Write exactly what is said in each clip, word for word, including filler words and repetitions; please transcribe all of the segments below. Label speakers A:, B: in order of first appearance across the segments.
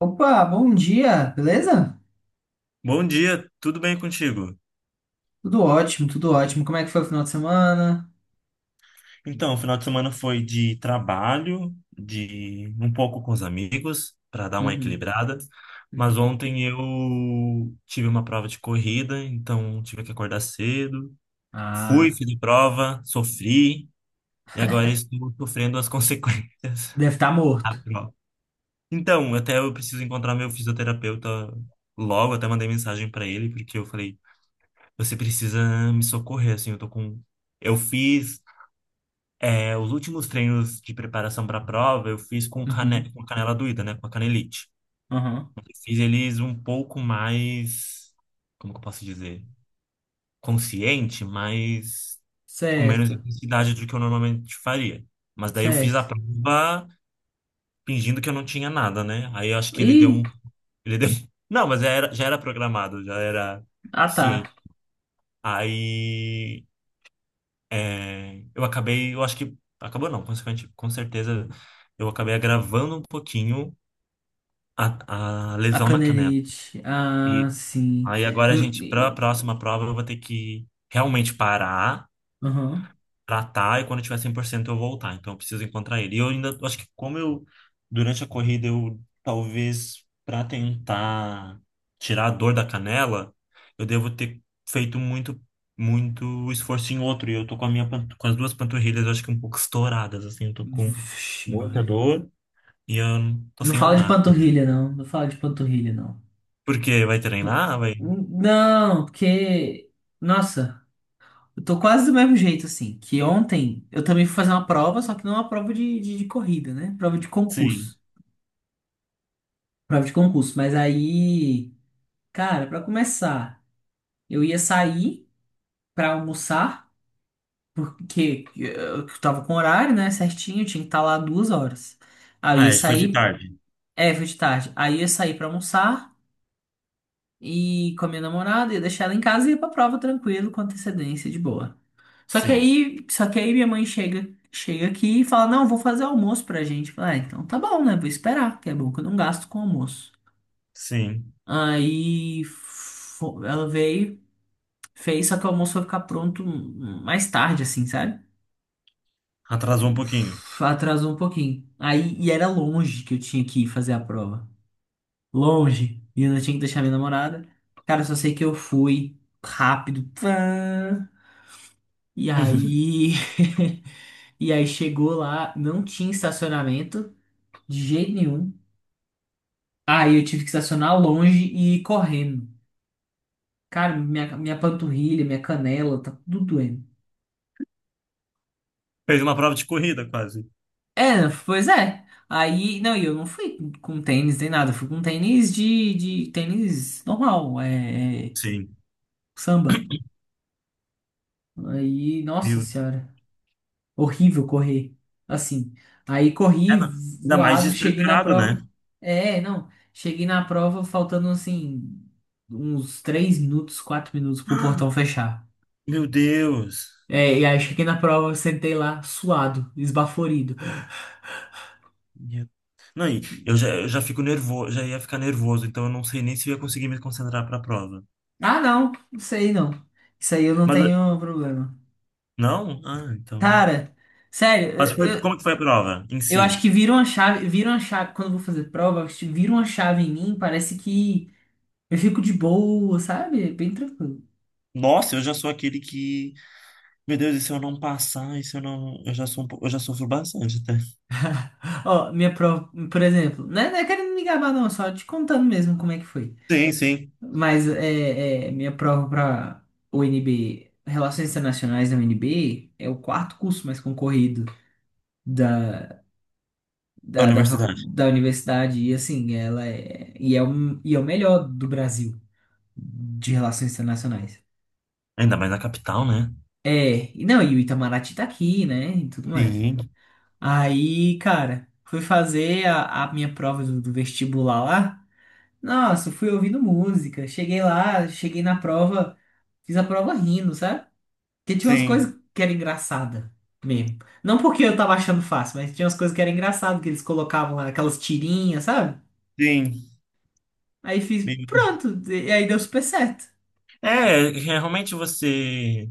A: Opa, bom dia, beleza?
B: Bom dia, tudo bem contigo?
A: Tudo ótimo, tudo ótimo. Como é que foi o final de semana?
B: Então, o final de semana foi de trabalho, de um pouco com os amigos, para dar uma
A: Uhum,
B: equilibrada. Mas
A: uhum.
B: ontem eu tive uma prova de corrida, então tive que acordar cedo. Fui,
A: Ah,
B: fiz a prova, sofri, e agora estou sofrendo as consequências
A: deve estar morto.
B: da prova. Então, até eu preciso encontrar meu fisioterapeuta logo, até mandei mensagem para ele, porque eu falei, você precisa me socorrer, assim, eu tô com... Eu fiz É, os últimos treinos de preparação para a prova eu fiz com,
A: Uhum,
B: cane com canela doída, né? Com a canelite.
A: uhum.
B: Eu fiz eles um pouco mais, como que eu posso dizer? Consciente, mas com menos
A: Certo,
B: intensidade do que eu normalmente faria. Mas daí eu fiz a
A: certo.
B: prova fingindo que eu não tinha nada, né? Aí eu acho que ele deu
A: Ih,
B: um. Ele deu... Não, mas já era, já era programado, já era
A: ah tá.
B: ciente. Aí. É, eu acabei, eu acho que acabou não, consequente, com certeza eu acabei agravando um pouquinho a, a
A: A
B: lesão na canela.
A: canelite. Ah,
B: E
A: sim.
B: aí agora a
A: Hum,
B: gente para a
A: e-
B: próxima prova eu vou ter que realmente parar
A: Uhum.
B: tratar e quando eu tiver cem por cento eu voltar. Então eu preciso encontrar ele. E eu ainda eu acho que como eu durante a corrida eu talvez para tentar tirar a dor da canela, eu devo ter feito muito muito esforço em outro e eu tô com a minha pan- com as duas panturrilhas eu acho que um pouco estouradas assim, eu tô com
A: Vixe,
B: muita
A: Mari.
B: dor e eu não- tô
A: Não
B: sem
A: fala de
B: andar.
A: panturrilha, não. Não fala de panturrilha, não.
B: Por quê? Vai treinar? Vai?
A: Não, porque. Nossa. Eu tô quase do mesmo jeito, assim. Que ontem eu também fui fazer uma prova, só que não é uma prova de, de, de corrida, né? Prova de
B: Sim.
A: concurso. Prova de concurso. Mas aí, cara, pra começar, eu ia sair pra almoçar, porque eu eu tava com horário, né? Certinho, tinha que estar lá duas horas. Aí eu
B: Ah,
A: ia
B: é, foi de
A: sair,
B: tarde.
A: é, foi de tarde. Aí eu ia sair pra almoçar e com a minha namorada, ia deixar ela em casa e ia pra prova tranquilo, com antecedência, de boa. Só que
B: Sim.
A: aí, só que aí minha mãe chega, chega aqui e fala: "Não, vou fazer almoço pra gente". Eu falo, ah, então tá bom, né? Vou esperar, que é bom que eu não gasto com almoço.
B: Sim.
A: Aí fo- ela veio, fez, só que o almoço vai ficar pronto mais tarde assim, sabe?
B: Atrasou um pouquinho.
A: Atrasou um pouquinho. Aí e era longe que eu tinha que ir fazer a prova. Longe. E eu não tinha que deixar minha namorada. Cara, eu só sei que eu fui rápido. Pã. E aí E aí chegou lá, não tinha estacionamento. De jeito nenhum. Aí eu tive que estacionar longe e ir correndo. Cara, minha, minha panturrilha, minha canela, tá tudo doendo.
B: Fez uma prova de corrida quase.
A: É, pois é. Aí, não, e eu não fui com tênis nem nada. Eu Fui com tênis de, de tênis normal, é, é,
B: Sim.
A: samba. Aí, nossa
B: Meu,
A: senhora, horrível correr. Assim. Aí
B: é,
A: corri
B: não. Ainda mais
A: voado, cheguei na
B: despreparado, né?
A: prova. É, não. Cheguei na prova faltando assim, uns três minutos, quatro minutos pro portão fechar.
B: Meu Deus.
A: É, e aí cheguei na prova, sentei lá, suado, esbaforido.
B: Meu- Não, e eu já, eu já fico nervoso, já ia ficar nervoso, então eu não sei nem se eu ia conseguir me concentrar para a prova.
A: Ah, não, isso aí não. Isso aí eu não
B: Mas
A: tenho problema.
B: não? Ah, então.
A: Cara, sério,
B: Mas foi,
A: eu, eu,
B: como que foi a prova em
A: eu acho
B: si?
A: que vira uma chave, vira uma chave, quando eu vou fazer prova, acho que vira uma chave em mim, parece que eu fico de boa, sabe? Bem tranquilo.
B: Nossa, eu já sou aquele que, meu Deus, e se eu não passar, e se eu não, eu já sou, um po- eu já sofro bastante até.
A: Ó, minha prova, por exemplo, não é, não é querendo me gabar não, só te contando mesmo como é que foi.
B: Sim, sim.
A: Mas é, é, minha prova pra U N B, Relações Internacionais da U N B, é o quarto curso mais concorrido. da,
B: Da
A: da, da, facu-
B: universidade.
A: da universidade e assim, ela é e é, um, e é o melhor do Brasil de relações internacionais.
B: Ainda mais na capital, né?
A: É, e não, e o Itamaraty tá aqui, né, e tudo mais.
B: Sim,
A: Aí, cara, fui fazer a, a minha prova do, do vestibular lá. Nossa, fui ouvindo música. Cheguei lá, cheguei na prova, fiz a prova rindo, sabe? Porque tinha umas coisas
B: sim,
A: que era engraçada mesmo. Não porque eu tava achando fácil, mas tinha umas coisas que era engraçado que eles colocavam lá, aquelas tirinhas, sabe?
B: sim.
A: Aí fiz,
B: Meu Deus.
A: pronto, e aí deu super certo,
B: É, realmente você,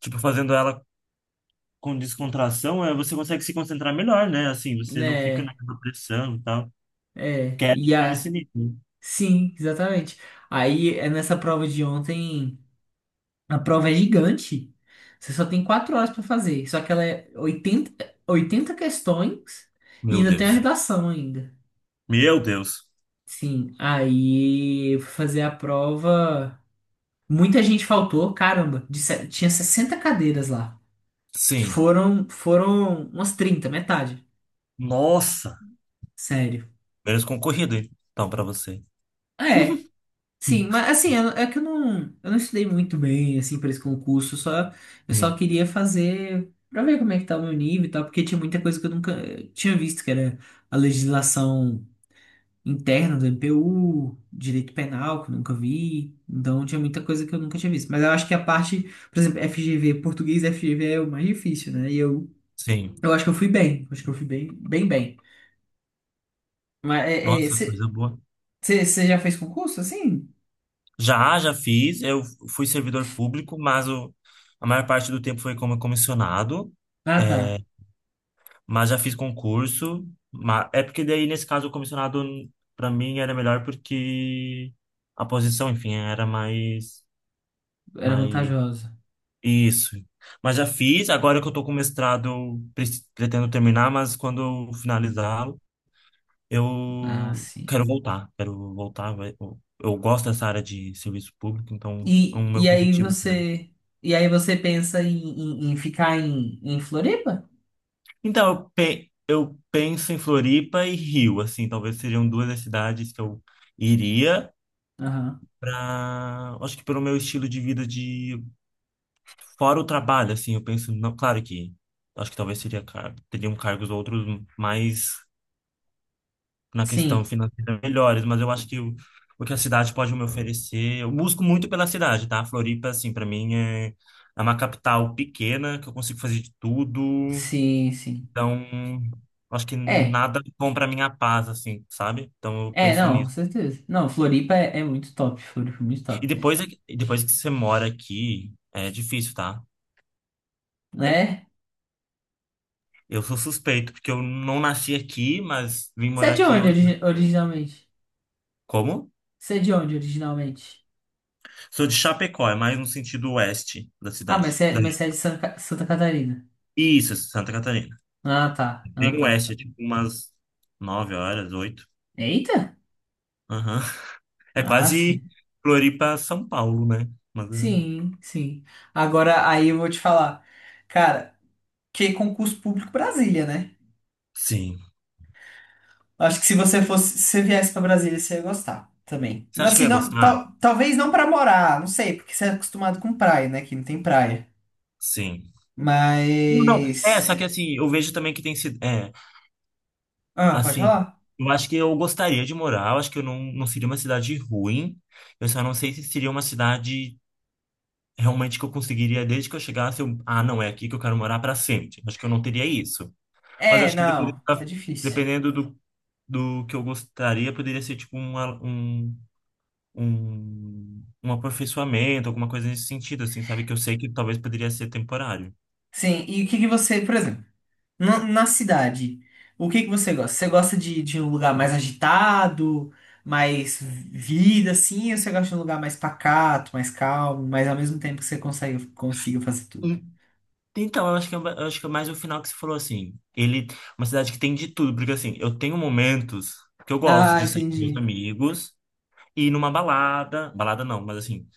B: tipo, fazendo ela com descontração, é, você consegue se concentrar melhor, né? Assim, você não fica
A: né?
B: naquela pressão e tal.
A: É,
B: Quero
A: e
B: chegar nesse
A: a,
B: nível.
A: sim, exatamente. Aí é nessa prova de ontem, a prova é gigante. Você só tem quatro horas para fazer, só que ela é oitenta oitenta questões e
B: Meu
A: ainda tem a
B: Deus.
A: redação ainda.
B: Meu Deus.
A: Sim, aí eu fui fazer a prova. Muita gente faltou, caramba, de se- tinha sessenta cadeiras lá.
B: Sim.
A: Foram, foram umas trinta metade.
B: Nossa.
A: Sério.
B: Menos concorrido, hein? Então, para você.
A: É, sim, mas assim, eu- é que eu não, eu não estudei muito bem, assim, para esse concurso, só, eu só
B: Sim,
A: queria fazer para ver como é que tá o meu nível e tal, porque tinha muita coisa que eu nunca tinha visto, que era a legislação interna do M P U, direito penal, que eu nunca vi, então tinha muita coisa que eu nunca tinha visto. Mas eu acho que a parte, por exemplo, F G V, português F G V é o mais difícil, né? E eu,
B: sim.
A: eu acho que eu fui bem, acho que eu fui bem, bem, bem. Mas
B: Nossa, coisa boa.
A: você já fez concurso, assim?
B: Já, já fiz. Eu fui servidor público, mas o, a maior parte do tempo foi como comissionado.
A: Ah, tá,
B: É, Mas já fiz concurso. ma- É porque daí, nesse caso, o comissionado, para mim, era melhor porque a posição, enfim, era mais,
A: era
B: mais...
A: vantajosa.
B: Isso. Mas já fiz. Agora que eu tô com mestrado, eu pre- pretendo terminar, mas quando eu finalizá-lo,
A: Ah,
B: eu
A: sim.
B: quero voltar. Quero voltar. vai- Eu eu gosto dessa área de serviço público, então é
A: E,
B: um meu
A: e aí
B: objetivo também.
A: você. E aí você pensa em, em- em ficar em, em Floripa?
B: Então, eu, pe- eu penso em Floripa e Rio, assim, talvez seriam duas das cidades que eu iria.
A: Aham.
B: Pra, acho que pelo meu estilo de vida de fora o trabalho, assim, eu penso, não, claro que acho que talvez seria car- teriam cargos outros mais na questão
A: Sim,
B: financeira melhores, mas eu acho que o, o que a cidade pode me oferecer, eu busco muito pela cidade, tá? Floripa, assim, para mim é, é uma capital pequena que eu consigo fazer de tudo,
A: sim, sim.
B: então Acho que
A: É,
B: nada bom para minha paz, assim, sabe? Então eu
A: é,
B: penso
A: não, com
B: nisso.
A: certeza. Não, Floripa é, é muito top. Floripa é muito
B: E
A: top.
B: depois, é que- e depois que você mora aqui, é difícil, tá?
A: Né?
B: Eu sou suspeito, porque eu não nasci aqui, mas vim
A: Você é
B: morar
A: de
B: aqui
A: onde
B: hoje.
A: origi- originalmente?
B: Como?
A: Você é de onde originalmente?
B: Sou de Chapecó, é mais no sentido oeste da
A: Ah, mas
B: cidade.
A: você é, mas
B: Daí.
A: você é de San- Santa Catarina.
B: Isso, Santa Catarina.
A: Ah, tá. Ah,
B: Bem
A: tá.
B: oeste, é tipo umas nove horas, oito.
A: Eita!
B: Aham. É
A: Ah,
B: quase
A: sim.
B: Floripa, São Paulo, né? Mas, é,
A: Sim, sim. Agora aí eu vou te falar. Cara, que concurso público Brasília, né?
B: sim.
A: Acho que se você fosse, se você viesse pra Brasília, você ia gostar também.
B: Você acha que eu
A: Assim,
B: ia
A: não,
B: gostar?
A: tal, talvez não pra morar, não sei, porque você é acostumado com praia, né? Aqui não tem praia.
B: Sim. Não, não.
A: Mas.
B: É, só que assim, eu vejo também que tem sido. É,
A: Ah, pode
B: assim,
A: falar?
B: eu acho que eu gostaria de morar, eu acho que eu não, não seria uma cidade ruim. Eu só não sei se seria uma cidade realmente que eu conseguiria, desde que eu chegasse, eu, ah, não, é aqui que eu quero morar para sempre. Acho que eu não teria isso. Mas
A: É,
B: acho que dependendo,
A: não, isso é
B: da-
A: difícil.
B: dependendo do, do que eu gostaria, poderia ser tipo uma, um, um, um aperfeiçoamento, alguma coisa nesse sentido, assim, sabe? Que eu sei que talvez poderia ser temporário.
A: Sim, e o que que você, por exemplo, na, na cidade, o que que você gosta? Você gosta de, de um lugar mais agitado, mais vida, assim, ou você gosta de um lugar mais pacato, mais calmo, mas ao mesmo tempo que você consegue, consiga fazer tudo?
B: Hum, Então, eu acho que, é- eu acho que é mais o final que você falou, assim, ele, uma cidade que tem de tudo, porque assim, eu tenho momentos que eu gosto
A: Ah,
B: de sair com meus
A: entendi.
B: amigos, ir numa balada, balada não, mas assim,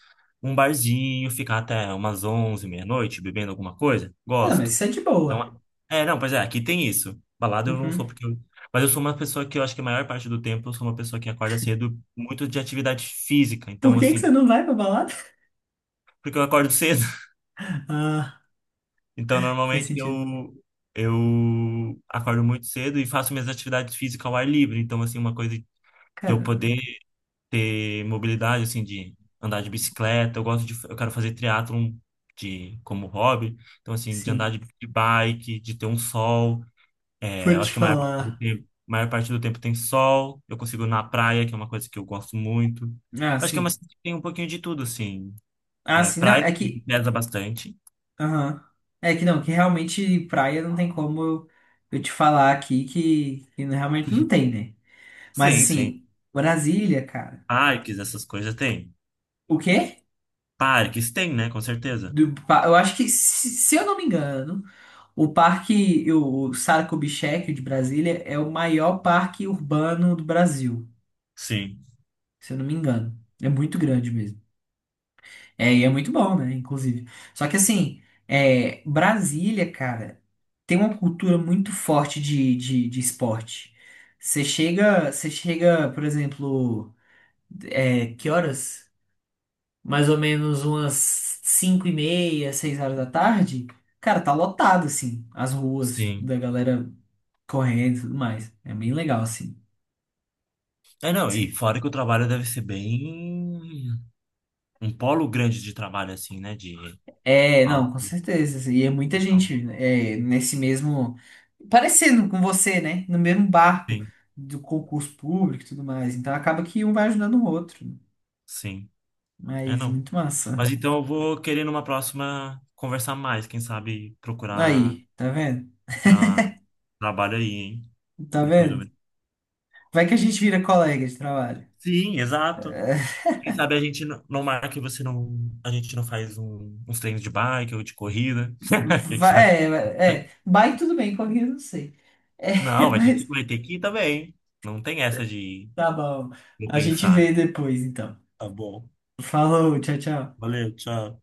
B: um barzinho, ficar até umas onze meia-noite bebendo alguma coisa,
A: Ah, mas
B: gosto.
A: isso é de boa.
B: Então, é, não, pois é, aqui tem isso. Balada eu não
A: Uhum.
B: sou porque eu, mas eu sou uma pessoa que eu acho que a maior parte do tempo eu sou uma pessoa que acorda cedo, muito de atividade física.
A: Por
B: Então,
A: que que você
B: assim,
A: não vai pra balada?
B: porque eu acordo cedo.
A: Ah,
B: Então,
A: faz
B: normalmente
A: sentido.
B: eu eu acordo muito cedo e faço minhas atividades físicas ao ar livre. Então, assim, uma coisa de eu
A: Cara,
B: poder ter mobilidade, assim, de andar de bicicleta. Eu gosto de, eu quero fazer triatlon de, como hobby. Então, assim, de andar
A: sim.
B: de, de bike, de ter um sol.
A: Vou
B: É, eu
A: te
B: acho que a maior parte do
A: falar.
B: tempo, maior parte do tempo tem sol. Eu consigo ir na praia, que é uma coisa que eu gosto muito.
A: Ah,
B: Acho que é uma
A: sim.
B: cidade que tem um pouquinho de tudo, assim.
A: Ah,
B: É,
A: sim. Não,
B: praia
A: é
B: que me
A: que.
B: pesa bastante.
A: Aham. É que não, que realmente praia não tem como eu, eu te falar aqui que, que não- realmente não tem, né? Mas
B: Sim, sim.
A: assim, Brasília, cara.
B: Parques, essas coisas tem.
A: O quê?
B: Parques tem, né? Com certeza.
A: Do pa- eu acho que, se, se eu não me engano, o parque, o Saco-Bichec de Brasília é o maior parque urbano do Brasil.
B: Sim,
A: Se eu não me engano. É muito grande mesmo. É, e é muito bom, né? Inclusive. Só que assim, é, Brasília, cara, tem uma cultura muito forte de, de, de esporte. Você chega, você chega, por exemplo, é, que horas? Mais ou menos umas cinco e meia, seis horas da tarde. Cara, tá lotado, assim, as ruas
B: sim.
A: da galera correndo e tudo mais. É bem legal, assim.
B: É, não, e fora que o trabalho deve ser bem. um polo grande de trabalho, assim, né? De
A: É, não, com
B: alto.
A: certeza, assim. E é muita gente
B: Então,
A: é, nesse mesmo. Parecendo com você, né? No mesmo barco
B: sim,
A: do concurso público e tudo mais. Então acaba que um vai ajudando o outro.
B: sim. É,
A: Mas
B: não.
A: muito massa.
B: Mas então eu vou querer numa próxima conversar mais, quem sabe procurar
A: Aí, tá vendo?
B: para trabalho aí, hein?
A: Tá
B: Depois do.
A: vendo? Vai que a gente vira colega de trabalho.
B: Sim, exato. Quem sabe a gente não não marca e você não. A gente não faz um- uns treinos de bike ou de corrida. O que que você acha?
A: Vai, é, vai- é. Bike tudo bem, colega eu não sei. É,
B: Não, vai ter que,
A: mas
B: vai ter que ir também. Não tem essa de
A: tá bom.
B: não
A: A gente
B: pensar.
A: vê depois, então.
B: Tá bom.
A: Falou, tchau, tchau.
B: Valeu, tchau.